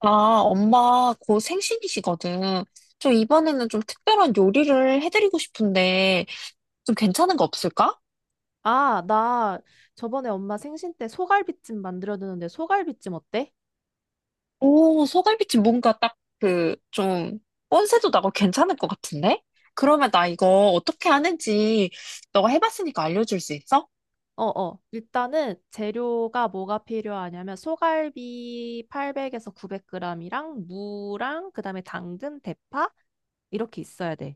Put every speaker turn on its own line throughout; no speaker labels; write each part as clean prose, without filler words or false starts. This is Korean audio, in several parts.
아, 엄마 곧 생신이시거든. 좀 이번에는 좀 특별한 요리를 해드리고 싶은데 좀 괜찮은 거 없을까?
아, 나 저번에 엄마 생신 때 소갈비찜 만들어드는데 소갈비찜 어때?
오, 소갈비찜 뭔가 딱 그 좀 뻔세도 나고 괜찮을 것 같은데? 그러면 나 이거 어떻게 하는지 너가 해봤으니까 알려줄 수 있어?
어, 어. 일단은 재료가 뭐가 필요하냐면 소갈비 800에서 900g이랑 무랑 그다음에 당근, 대파 이렇게 있어야 돼.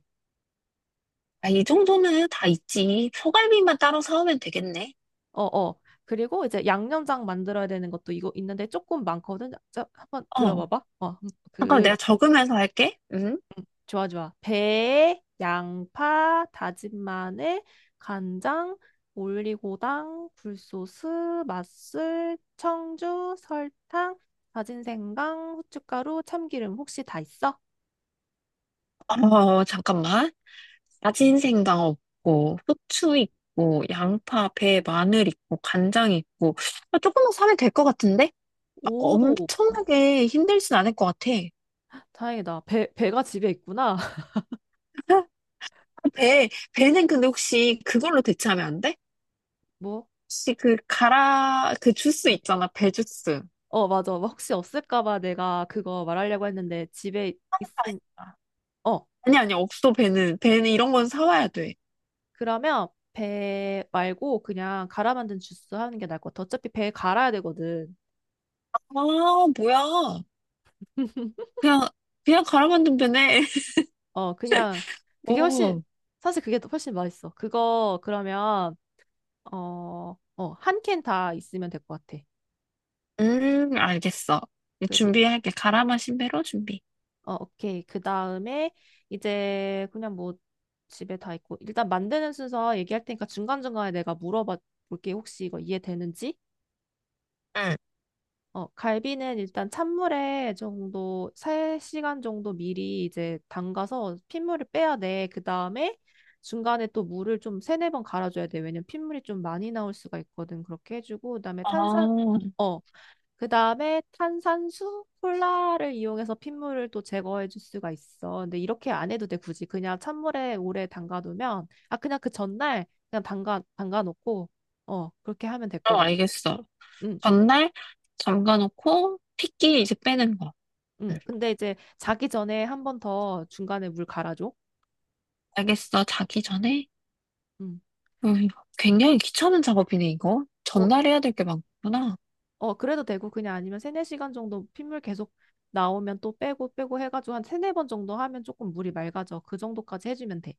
아, 이 정도는 다 있지. 소갈비만 따로 사오면 되겠네.
어, 어. 그리고 이제 양념장 만들어야 되는 것도 이거 있는데 조금 많거든. 자, 한번
어,
들어봐봐.
잠깐 만 내가 적으면서 할게. 응?
좋아, 좋아. 배, 양파, 다진 마늘, 간장, 올리고당, 굴소스, 맛술, 청주, 설탕, 다진 생강, 후춧가루, 참기름 혹시 다 있어?
어, 잠깐만. 야진생강 없고 후추 있고 양파, 배, 마늘 있고 간장 있고 아, 조금만 사면 될 것 같은데? 아,
오,
엄청나게 힘들진 않을 것 같아.
다행이다. 배가 집에 있구나.
아, 배는 근데 혹시 그걸로 대체하면 안 돼?
뭐?
혹시 그 가라 그 주스
어,
있잖아 배 주스.
어, 맞아. 뭐 혹시 없을까 봐 내가 그거 말하려고 했는데 집에 있음.
아,
어,
아니 아니 없어 배는 이런 건 사와야 돼.
그러면 배 말고 그냥 갈아 만든 주스 하는 게 나을 것 같아. 어차피 배 갈아야 되거든.
아, 뭐야. 그냥 그냥 갈아 만든 배네.
그냥, 그게 훨씬,
오,
사실 그게 더 훨씬 맛있어. 그거, 그러면, 한 캔 다 있으면 될 것 같아.
알겠어.
그리,
준비할게. 갈아 마신 배로 준비.
오케이. 그 다음에, 이제, 그냥 뭐, 집에 다 있고, 일단 만드는 순서 얘기할 테니까 중간중간에 내가 물어봐 볼게. 혹시 이거 이해되는지?
응.
갈비는 일단 찬물에 정도, 3시간 정도 미리 이제 담가서 핏물을 빼야 돼. 그 다음에 중간에 또 물을 좀 세네 번 갈아줘야 돼. 왜냐면 핏물이 좀 많이 나올 수가 있거든. 그렇게 해주고, 그 다음에
아,
어, 탄산수, 콜라를 이용해서 핏물을 또 제거해 줄 수가 있어. 근데 이렇게 안 해도 돼, 굳이. 그냥 찬물에 오래 담가두면, 아, 그냥 그 전날 그냥 담가놓고, 그렇게 하면 될
어,
것 같아.
알겠어.
응.
전날 잠가놓고 핏기 이제 빼는 거. 응.
근데 이제 자기 전에 한 번 더 중간에 물 갈아줘.
알겠어. 자기 전에.
음.
이거 굉장히 귀찮은 작업이네, 이거.
어,
전날 해야 될 게 많구나.
어, 그래도 되고 그냥 아니면 세네 시간 정도 핏물 계속 나오면 또 빼고 빼고 해가지고 한 세네 번 정도 하면 조금 물이 맑아져. 그 정도까지 해주면 돼.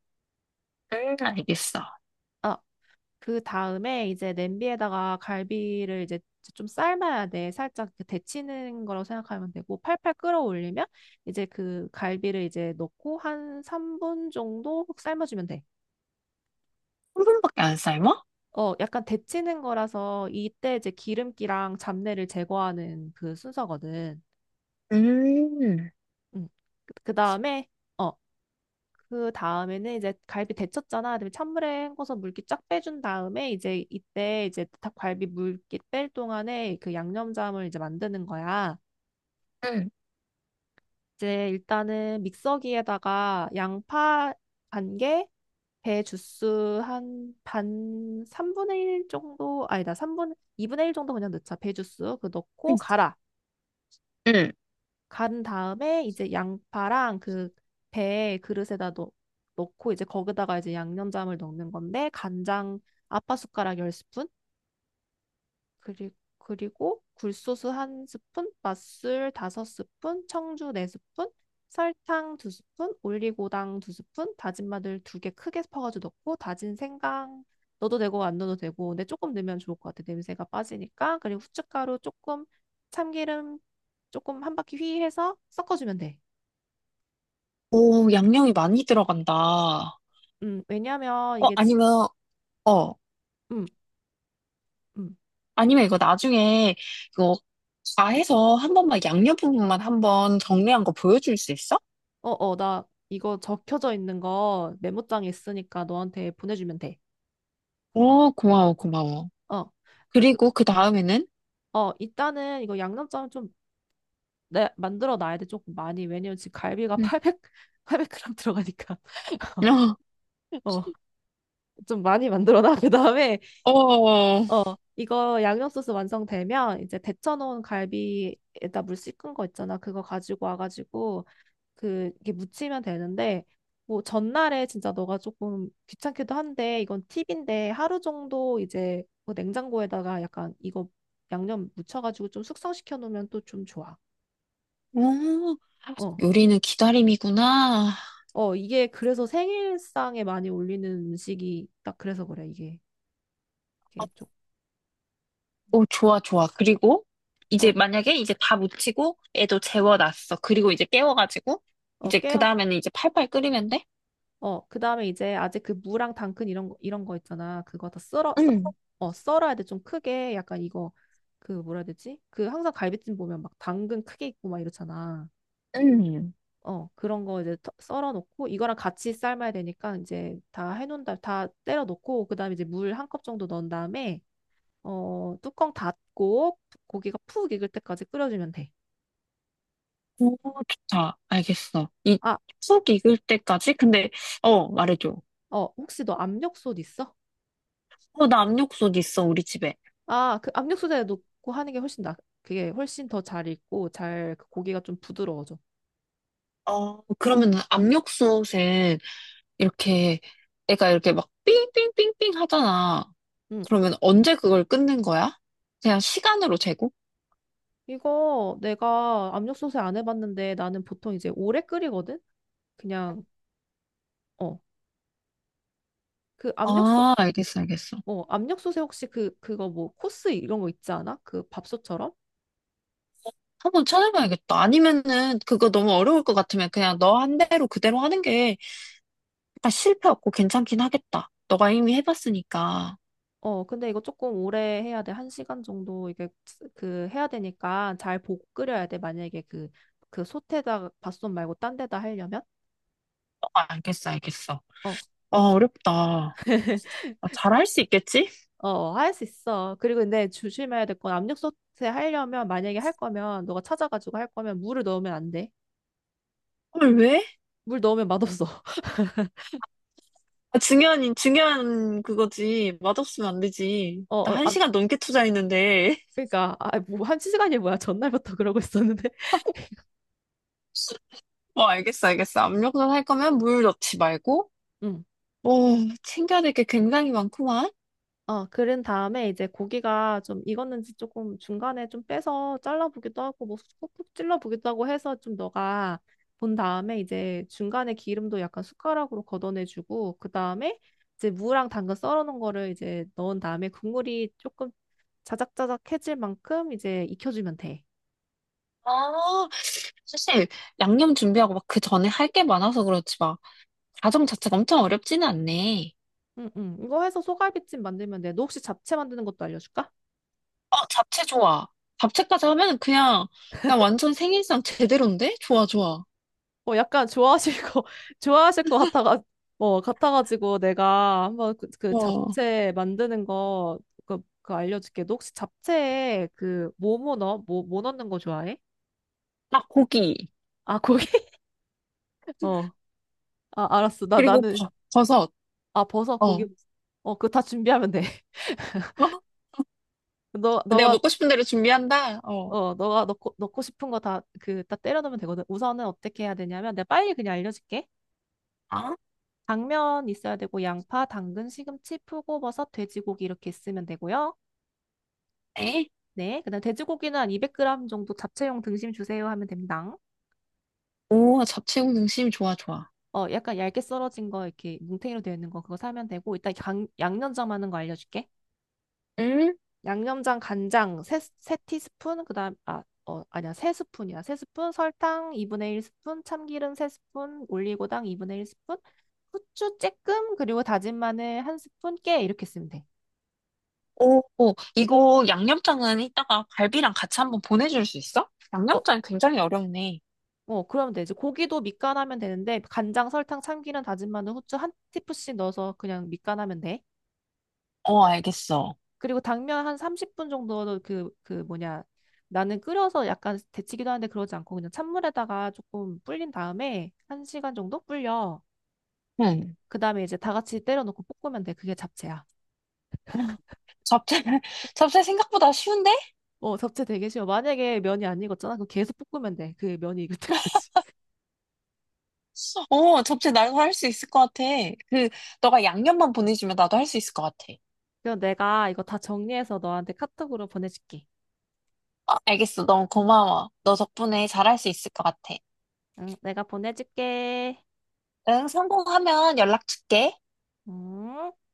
응, 알겠어. 한
아, 그 다음에 이제 냄비에다가 갈비를 이제 좀 삶아야 돼. 살짝 이렇게 데치는 거라고 생각하면 되고 팔팔 끓어올리면 이제 그 갈비를 이제 넣고 한 3분 정도 삶아주면 돼.
분밖에 안 삶아?
어, 약간 데치는 거라서 이때 이제 기름기랑 잡내를 제거하는 그 순서거든.
음,
음. 그 다음에, 어, 그 다음에는 이제 갈비 데쳤잖아. 그다음에 찬물에 헹궈서 물기 쫙 빼준 다음에 이제 이때 이제 닭갈비 물기 뺄 동안에 그 양념장을 이제 만드는 거야.
응,
이제 일단은 믹서기에다가 양파 반 개, 배 주스 한 반 3분의 1 정도, 아니다, 3분, 이분의 1 정도 그냥 넣자. 배 주스 그 넣고 갈아.
응.
간 다음에 이제 양파랑 그 배 그릇에다 넣고 이제 거기다가 이제 양념장을 넣는 건데 간장 아빠 숟가락 10스푼 그리고 굴소스 한스푼 맛술 다섯 스푼 청주 네스푼 설탕 두스푼 올리고당 두스푼 다진 마늘 두 개 크게 퍼가지고 넣고 다진 생강 넣어도 되고 안 넣어도 되고 근데 조금 넣으면 좋을 것 같아, 냄새가 빠지니까. 그리고 후춧가루 조금, 참기름 조금 한 바퀴 휘 해서 섞어주면 돼.
오, 양념이 많이 들어간다.
왜냐면 이게
아니면, 어,
음, 음.
아니면 이거 나중에 이거 다 해서 한 번만 양념 부분만 한번 정리한 거 보여줄 수 있어?
어, 어, 나 이거 적혀져 있는 거 메모장에 있으니까 너한테 보내주면 돼.
오, 고마워, 고마워.
어. 그,
그리고 그 다음에는?
일단은 이거 양념장 좀 만들어 놔야 돼. 조금 많이. 왜냐면 지금 갈비가 800, 백 그램 g 들어가니까.
어,
어, 좀 많이 만들어 놔. 그다음에
어, 어.
어, 이거 양념 소스 완성되면 이제 데쳐 놓은 갈비에다 물 씻은 거 있잖아. 그거 가지고 와 가지고 그 이게 묻히면 되는데 뭐 전날에 진짜 너가 조금 귀찮기도 한데 이건 팁인데 하루 정도 이제 뭐 냉장고에다가 약간 이거 양념 묻혀가지고 좀 숙성시켜 놓으면 또 좀 좋아. 어.
요리는 기다림이구나.
어, 이게 그래서 생일상에 많이 올리는 음식이 딱 그래서 그래, 이게. 이게 좀,
오, 좋아, 좋아. 그리고 이제
어,
만약에 이제 다 무치고 애도 재워놨어. 그리고 이제 깨워가지고 이제
깨,
그 다음에는 이제 팔팔 끓이면 돼?
그 다음에 이제 아직 그 무랑 당근 이런 거, 이런 거 있잖아. 그거 다 썰어, 썰어,
응,
어, 썰어야 돼. 좀 크게. 약간 이거, 그 뭐라 해야 되지? 그 항상 갈비찜 보면 막 당근 크게 있고 막 이렇잖아.
응.
그런 거 이제 썰어 놓고 이거랑 같이 삶아야 되니까 이제 다 해놓은 다음, 다 때려 놓고 그 다음에 이제 물 한 컵 정도 넣은 다음에 뚜껑 닫고 고기가 푹 익을 때까지 끓여주면 돼.
오, 좋다. 알겠어. 이
아,
푹 익을 때까지? 근데, 말해줘.
혹시 너 압력솥 있어?
어, 나 압력솥 있어, 우리 집에.
그 압력수다에 넣고 하는 게 훨씬 나, 그게 훨씬 더 잘 익고 잘, 그 고기가 좀 부드러워져.
어, 그러면 압력솥에 이렇게 애가 이렇게 막 삥삥삥삥 하잖아.
응.
그러면 언제 그걸 끝낸 거야? 그냥 시간으로 재고?
이거 내가 압력솥에 안 해봤는데 나는 보통 이제 오래 끓이거든? 그냥, 어, 그 압력솥,
아, 알겠어, 알겠어.
어, 압력솥에 혹시 그거 뭐 코스 이런 거 있지 않아? 그 밥솥처럼?
한번 찾아봐야겠다. 아니면은 그거 너무 어려울 것 같으면 그냥 너 한 대로 그대로 하는 게 약간 실패 없고 괜찮긴 하겠다. 너가 이미 해봤으니까.
어, 근데 이거 조금 오래 해야 돼. 한 시간 정도 이게 그 해야 되니까 잘 보고 끓여야 돼. 만약에 그 솥에다가, 밥솥 말고 딴 데다 하려면?
어, 알겠어, 알겠어.
어,
아, 어렵다. 아, 잘할 수 있겠지?
어, 할 수 있어. 그리고 근데 조심해야 될 건 압력 소태 하려면 만약에 할 거면 너가 찾아가지고 할 거면 물을 넣으면 안 돼.
헐, 왜?
물 넣으면 맛없어.
아, 중요한 그거지. 맛없으면 안 되지.
어,
나
어,
한
아,
시간 넘게 투자했는데.
그러니까, 아, 뭐 한 시간이 뭐야? 전날부터 그러고 있었는데.
뭐, 알겠어, 알겠어. 압력솥 할 거면 물 넣지 말고.
응.
오, 챙겨야 될 게 굉장히 많구만.
어, 그런 다음에 이제 고기가 좀 익었는지 조금 중간에 좀 빼서 잘라보기도 하고 뭐 푹푹 찔러보기도 하고 해서 좀 너가 본 다음에 이제 중간에 기름도 약간 숟가락으로 걷어내주고 그 다음에 이제 무랑 당근 썰어놓은 거를 이제 넣은 다음에 국물이 조금 자작자작해질 만큼 이제 익혀주면 돼.
아, 사실 양념 준비하고 막 그 전에 할 게 많아서 그렇지 막 과정 자체가 엄청 어렵지는 않네.
응, 응. 이거 해서 소갈비찜 만들면 돼. 너 혹시 잡채 만드는 것도 알려줄까?
어, 잡채 좋아. 잡채까지 하면 그냥 완전 생일상 제대로인데? 좋아, 좋아.
어, 약간 좋아하실 거, 좋아하실 것 같아가, 같아가지고 내가 한번 그
어,
잡채 만드는 거, 그 알려줄게. 너 혹시 잡채에 뭐뭐 넣어? 뭐 넣는 거 좋아해?
딱 고기.
아, 고기? 어. 아, 알았어. 나,
그리고
나는,
버섯.
아, 버섯,
어,
고기.
어?
어, 그거 다 준비하면 돼. 너,
내가
너가
먹고 싶은 대로 준비한다. 어,
너가 넣고 싶은 거 다 때려 넣으면 되거든. 우선은 어떻게 해야 되냐면, 내가 빨리 그냥 알려줄게.
아,
당면 있어야 되고, 양파, 당근, 시금치, 표고버섯, 돼지고기 이렇게 있으면 되고요.
네.
네. 그다음 돼지고기는 한 200g 정도 잡채용 등심 주세요 하면 됩니다.
오, 잡채 공등심 좋아, 좋아.
어, 약간 얇게 썰어진 거, 이렇게 뭉탱이로 되어 있는 거 그거 사면 되고, 일단 양념장 하는 거 알려줄게.
음.
양념장, 간장, 세 티스푼, 그 다음, 아, 아니야, 세 스푼이야. 세 스푼, 설탕 2분의 1 스푼, 참기름 세 스푼, 올리고당 2분의 1 스푼, 후추 쬐끔 그리고 다진 마늘 한 스푼 깨 이렇게 쓰면 돼.
오, 오, 이거 양념장은 이따가 갈비랑 같이 한번 보내줄 수 있어?
어,
양념장 굉장히 어렵네.
어 그러면 돼. 이제 고기도 밑간하면 되는데 간장, 설탕, 참기름, 다진 마늘, 후추 한 티프씩 넣어서 그냥 밑간하면 돼.
어, 알겠어.
그리고 당면 한 30분 정도 그 뭐냐, 나는 끓여서 약간 데치기도 하는데 그러지 않고 그냥 찬물에다가 조금 불린 다음에 한 시간 정도 불려.
응.
그다음에 이제 다 같이 때려놓고 볶으면 돼. 그게 잡채야.
어, 잡채, 잡채 생각보다 쉬운데?
어, 잡채 되게 쉬워. 만약에 면이 안 익었잖아. 그럼 계속 볶으면 돼. 그 면이 익을 때까지.
어, 잡채 나도 할 수 있을 것 같아. 그, 너가 양념만 보내주면 나도 할 수 있을 것 같아.
그럼 내가 이거 다 정리해서 너한테 카톡으로 보내줄게.
어, 알겠어. 너무 고마워. 너 덕분에 잘할 수 있을 것 같아.
응, 내가 보내줄게.
응, 성공하면 연락 줄게.
응.